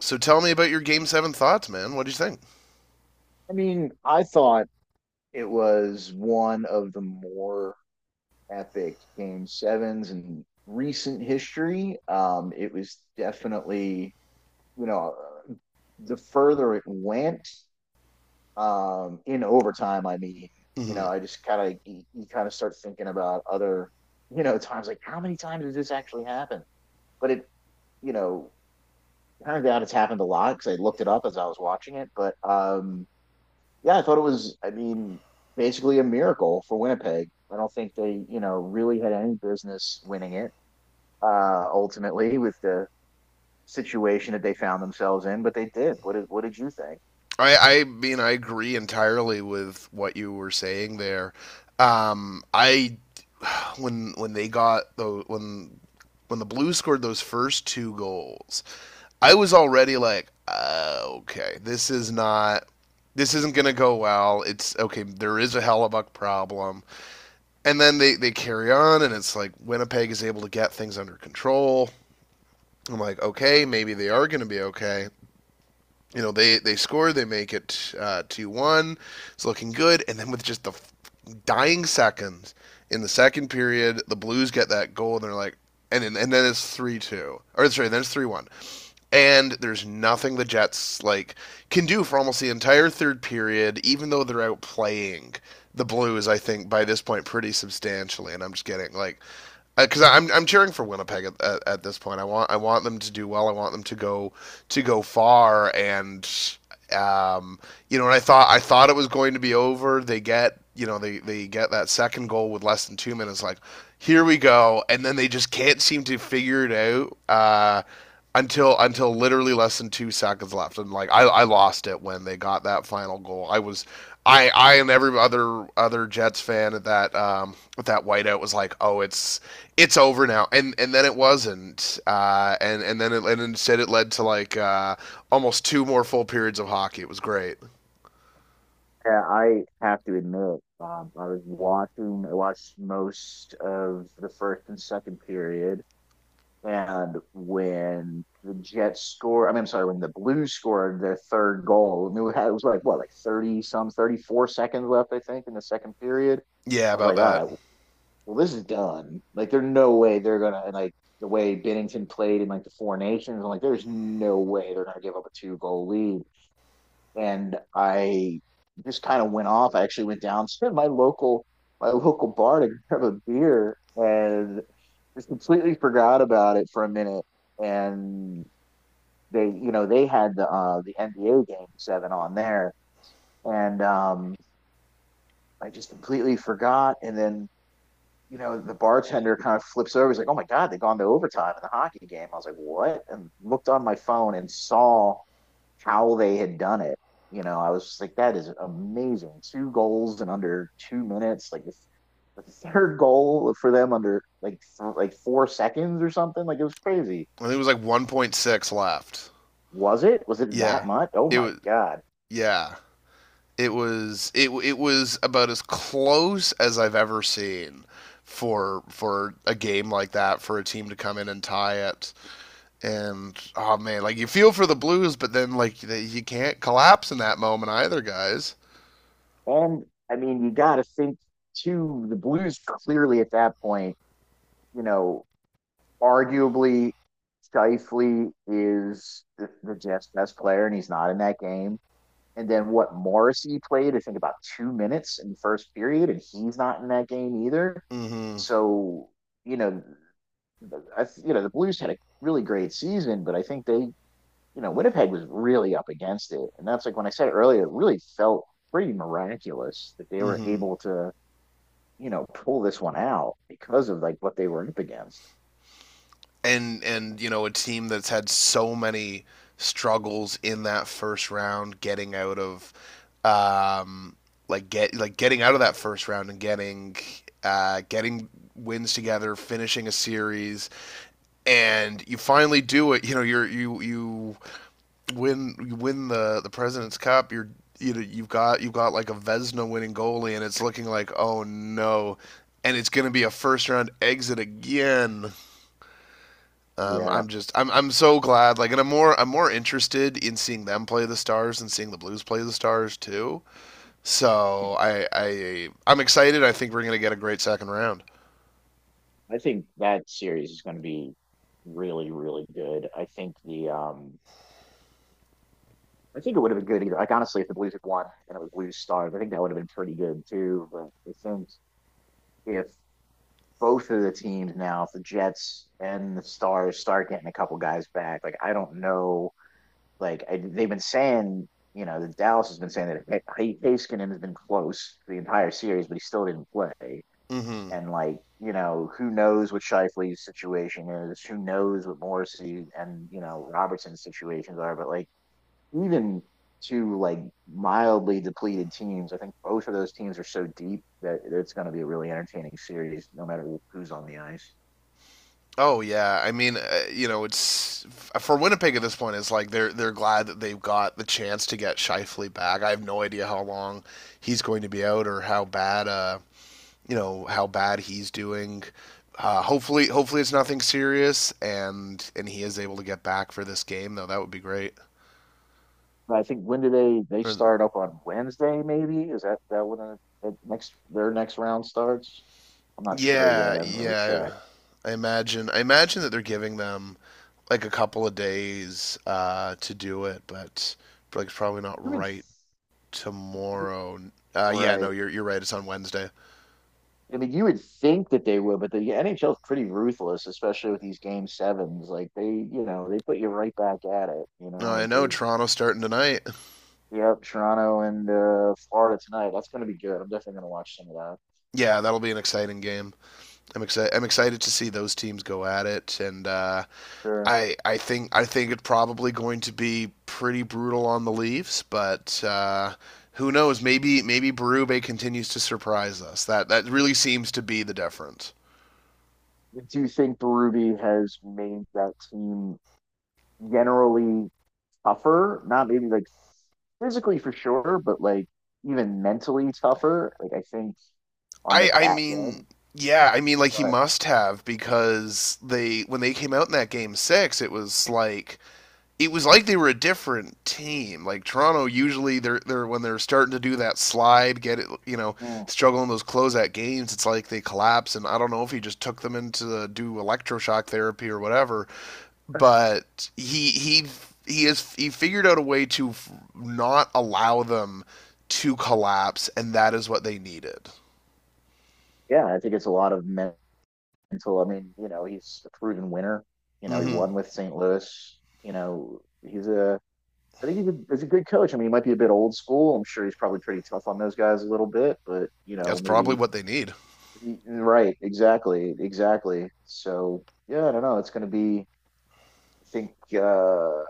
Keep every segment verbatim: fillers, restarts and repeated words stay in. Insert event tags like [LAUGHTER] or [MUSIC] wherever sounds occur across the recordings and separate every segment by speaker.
Speaker 1: So tell me about your game seven thoughts, man. What do you think?
Speaker 2: I mean, I thought it was one of the more epic game sevens in recent history. Um, it was definitely, you know, the further it went, um, in overtime, I mean, you
Speaker 1: Mm-hmm.
Speaker 2: know, I just kind of, you, you kind of start thinking about other, you know, times. Like how many times does this actually happen? But it, you know, turns out it's happened a lot because I looked it up as I was watching it. But, um, yeah, I thought it was, I mean, basically a miracle for Winnipeg. I don't think they, you know, really had any business winning it uh, ultimately with the situation that they found themselves in, but they did. What did, what did you think?
Speaker 1: I, I mean, I agree entirely with what you were saying there. Um, I [SIGHS] when when they got the when when the Blues scored those first two goals, I was already like, uh, okay, this is not this isn't going to go well. It's okay, there is a Hellebuck problem. And then they, they carry on, and it's like Winnipeg is able to get things under control. I'm like, okay, maybe they are going to be okay. You know, they they score they make it uh, two one. It's looking good, and then with just the dying seconds in the second period, the Blues get that goal, and they're like, and and then it's three two or sorry then it's three one, and there's nothing the Jets like can do for almost the entire third period, even though they're outplaying the Blues, I think by this point, pretty substantially, and I'm just getting like, because uh, I'm I'm cheering for Winnipeg at, at, at this point. I want I want them to do well. I want them to go to go far, and um, you know, and I thought I thought it was going to be over. They get, you know, they they get that second goal with less than two minutes. Like here we go, and then they just can't seem to figure it out. Uh, until until literally less than two seconds left, and like I, I lost it when they got that final goal. I was I I and every other other Jets fan at that um at that whiteout was like, oh, it's it's over now, and and then it wasn't, uh, and and then it and instead it led to like uh almost two more full periods of hockey. It was great.
Speaker 2: Yeah, I have to admit, um, I was watching, I watched most of the first and second period. And when the Jets scored, I mean, I'm sorry, when the Blues scored their third goal, I mean, we had, it was like, what, like thirty some, thirty-four seconds left, I think, in the second period.
Speaker 1: Yeah,
Speaker 2: I was
Speaker 1: about
Speaker 2: like, all
Speaker 1: that.
Speaker 2: right, well, this is done. Like, there's no way they're going to, like, the way Bennington played in like the Four Nations, I'm like, there's no way they're going to give up a two goal lead, and I just kind of went off. I actually went downstairs to my local my local bar to grab a beer and just completely forgot about it for a minute. And they, you know, they had the uh, the N B A game seven on there, and um, I just completely forgot. And then you know the bartender kind of flips over. He's like, "Oh my God, they've gone to overtime in the hockey game." I was like, "What?" And looked on my phone and saw how they had done it. You know, I was just like, that is amazing. Two goals in under two minutes. Like this, the third goal for them under like th- like four seconds or something. Like it was crazy.
Speaker 1: I think it was like one point six left.
Speaker 2: Was it? Was it
Speaker 1: Yeah.
Speaker 2: that much? Oh
Speaker 1: It
Speaker 2: my
Speaker 1: was
Speaker 2: god!
Speaker 1: yeah. It was it it was about as close as I've ever seen for for a game like that, for a team to come in and tie it. And oh man, like you feel for the Blues, but then like you can't collapse in that moment either, guys.
Speaker 2: And I mean, you got to think too. The Blues clearly at that point, you know, arguably Shifley is the, the Jets best player, and he's not in that game. And then what Morrissey played, I think about two minutes in the first period, and he's not in that game either.
Speaker 1: Mhm.
Speaker 2: So, you know, I, you know, the Blues had a really great season, but I think they, you know, Winnipeg was really up against it. And that's like when I said earlier, it really felt pretty miraculous that they were
Speaker 1: Mhm.
Speaker 2: able to, you know, pull this one out because of like what they were up against.
Speaker 1: and and you know, a team that's had so many struggles in that first round, getting out of um like get like getting out of that first round and getting uh getting wins together, finishing a series, and you finally do it. You know, you're you you win you win the the president's cup. You're, you know, you've got you've got like a Vesna winning goalie, and it's looking like oh no, and it's going to be a first round exit again. um,
Speaker 2: Yeah.
Speaker 1: I'm just I'm I'm so glad, like, and I'm more I'm more interested in seeing them play the Stars and seeing the Blues play the Stars too. So I I I'm excited. I think we're gonna get a great second round.
Speaker 2: I think that series is going to be really, really good. I think the, um, I think it would have been good either. Like honestly, if the Blues had won and it was Blues Stars, I think that would have been pretty good too. But I think if both of the teams now, if the Jets and the Stars start getting a couple guys back, like I don't know, like I, they've been saying, you know, the Dallas has been saying that H- Haskinen has been close the entire series, but he still didn't play.
Speaker 1: Mm hmm
Speaker 2: And like you know, who knows what Shifley's situation is? Who knows what Morrissey and you know Robertson's situations are? But like even two like mildly depleted teams. I think both of those teams are so deep that it's going to be a really entertaining series, no matter who's on the ice.
Speaker 1: Oh yeah, I mean, uh, you know, it's for Winnipeg at this point. It's like they're they're glad that they've got the chance to get Shifley back. I have no idea how long he's going to be out or how bad, uh, you know, how bad he's doing. Uh, hopefully, hopefully it's nothing serious, and and he is able to get back for this game though. That would be great.
Speaker 2: But I think when do they they
Speaker 1: Or,
Speaker 2: start up on Wednesday? Maybe is that that when the, next their next round starts? I'm not sure yet.
Speaker 1: yeah,
Speaker 2: I haven't really
Speaker 1: yeah.
Speaker 2: checked.
Speaker 1: I imagine I imagine that they're giving them like a couple of days uh, to do it, but like it's probably not
Speaker 2: You would,
Speaker 1: right tomorrow. Uh, yeah, no,
Speaker 2: right?
Speaker 1: you're you're right. It's on Wednesday.
Speaker 2: I mean, you would think that they would, but the N H L is pretty ruthless, especially with these game sevens. Like they, you know, they put you right back at it. You
Speaker 1: No,
Speaker 2: know,
Speaker 1: I
Speaker 2: like
Speaker 1: know
Speaker 2: they.
Speaker 1: Toronto's starting tonight.
Speaker 2: Yep, Toronto and uh, Florida tonight. That's going to be good. I'm definitely going to watch some of that.
Speaker 1: Yeah, that'll be an exciting game. I'm excited. I'm excited to see those teams go at it, and uh,
Speaker 2: Sure.
Speaker 1: I I think I think it's probably going to be pretty brutal on the Leafs, but uh, who knows? Maybe maybe Berube continues to surprise us. That that really seems to be the difference.
Speaker 2: Do you think Berube has made that team generally tougher? Not maybe like physically for sure, but like even mentally tougher. Like I think on the
Speaker 1: I I
Speaker 2: back
Speaker 1: mean.
Speaker 2: end,
Speaker 1: Yeah, I mean, like he
Speaker 2: but
Speaker 1: must have, because they when they came out in that game six, it was like it was like they were a different team. Like Toronto, usually they're they're when they're starting to do that slide, get it, you know,
Speaker 2: mm,
Speaker 1: struggling those closeout games. It's like they collapse, and I don't know if he just took them into the, do electroshock therapy or whatever. But he he he has he figured out a way to not allow them to collapse, and that is what they needed.
Speaker 2: yeah, I think it's a lot of mental. I mean, you know, he's a proven winner. You know, he
Speaker 1: Hmm.
Speaker 2: won with Saint Louis. You know, he's a I think he's a, he's a good coach. I mean, he might be a bit old school. I'm sure he's probably pretty tough on those guys a little bit, but you know,
Speaker 1: That's probably
Speaker 2: maybe.
Speaker 1: what they need.
Speaker 2: Right, exactly, exactly. So yeah, I don't know. It's going to be, I think, uh,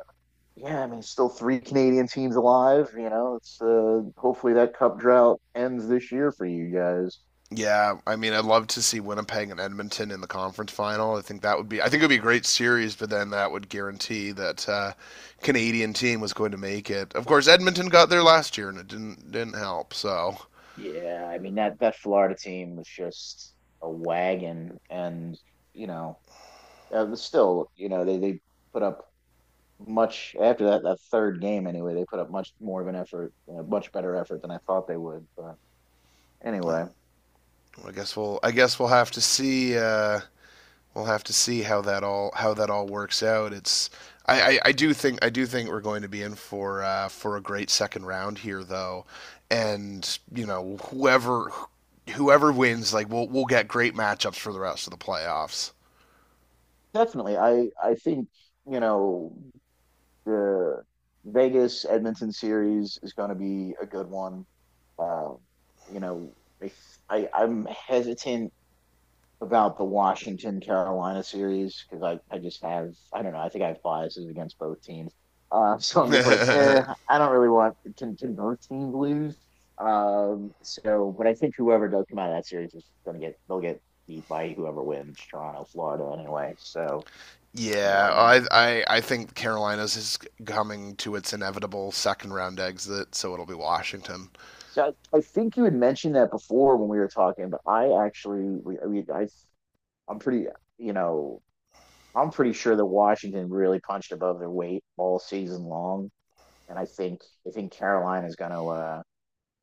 Speaker 2: yeah. I mean, still three Canadian teams alive. You know, it's uh, Hopefully that cup drought ends this year for you guys.
Speaker 1: Yeah, I mean, I'd love to see Winnipeg and Edmonton in the conference final. I think that would be, I think it would be a great series, but then that would guarantee that uh, Canadian team was going to make it. Of course, Edmonton got there last year, and it didn't didn't help. So
Speaker 2: Yeah, I mean that that Florida team was just a wagon, and you know, uh, still, you know, they they put up much after that that third game. Anyway, they put up much more of an effort, a much better effort than I thought they would, but
Speaker 1: well,
Speaker 2: anyway.
Speaker 1: I guess we'll, I guess we'll have to see. Uh, we'll have to see how that all how that all works out. It's I, I, I do think I do think we're going to be in for uh, for a great second round here though, and you know, whoever whoever wins, like we'll we'll get great matchups for the rest of the playoffs.
Speaker 2: Definitely, i i think you know the Vegas Edmonton series is going to be a good one. uh, you know I, I i'm hesitant about the Washington Carolina series because I, I just have, I don't know, I think I have biases against both teams. Uh, [LAUGHS] so I'm just like, eh,
Speaker 1: [LAUGHS]
Speaker 2: I don't really want. Can, can both teams lose? Um, so but I think whoever does come out of that series is going to get they'll get beat by whoever wins Toronto, Florida anyway. So
Speaker 1: Yeah,
Speaker 2: um,
Speaker 1: I, I I think Carolina's is coming to its inevitable second round exit, so it'll be Washington.
Speaker 2: so I, I think you had mentioned that before when we were talking, but I actually we, we I I'm pretty you know I'm pretty sure that Washington really punched above their weight all season long, and I think I think Carolina's going to uh,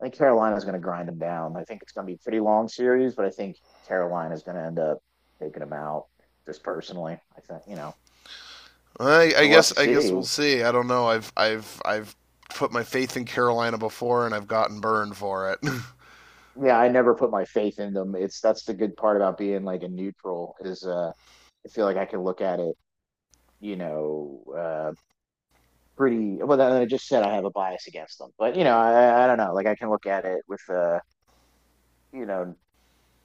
Speaker 2: I think Carolina's going to grind them down. I think it's going to be a pretty long series, but I think Carolina's going to end up taking them out. Just personally, I think you know.
Speaker 1: I, I
Speaker 2: So we'll have
Speaker 1: guess
Speaker 2: to
Speaker 1: I guess
Speaker 2: see.
Speaker 1: we'll see. I don't know. I've I've I've put my faith in Carolina before, and I've gotten burned for it. [LAUGHS] I
Speaker 2: Yeah, I never put my faith in them. It's that's the good part about being like a neutral, is uh, I feel like I can look at it, you know, uh, pretty well. Then I just said I have a bias against them, but you know, I, I don't know. Like I can look at it with uh, you know,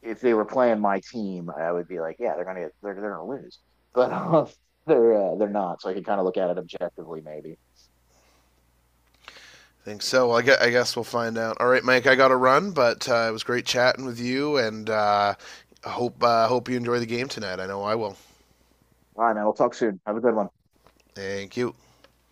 Speaker 2: if they were playing my team, I would be like, yeah, they're gonna they're they're gonna lose, [LAUGHS] but uh, they're uh, they're not. So I could kind of look at it objectively, maybe.
Speaker 1: think so. Well, I guess, I guess we'll find out. All right, Mike. I got to run, but uh, it was great chatting with you, and uh, I hope uh, hope you enjoy the game tonight. I know I will.
Speaker 2: All right, man. We'll talk soon. Have a good one.
Speaker 1: Thank you.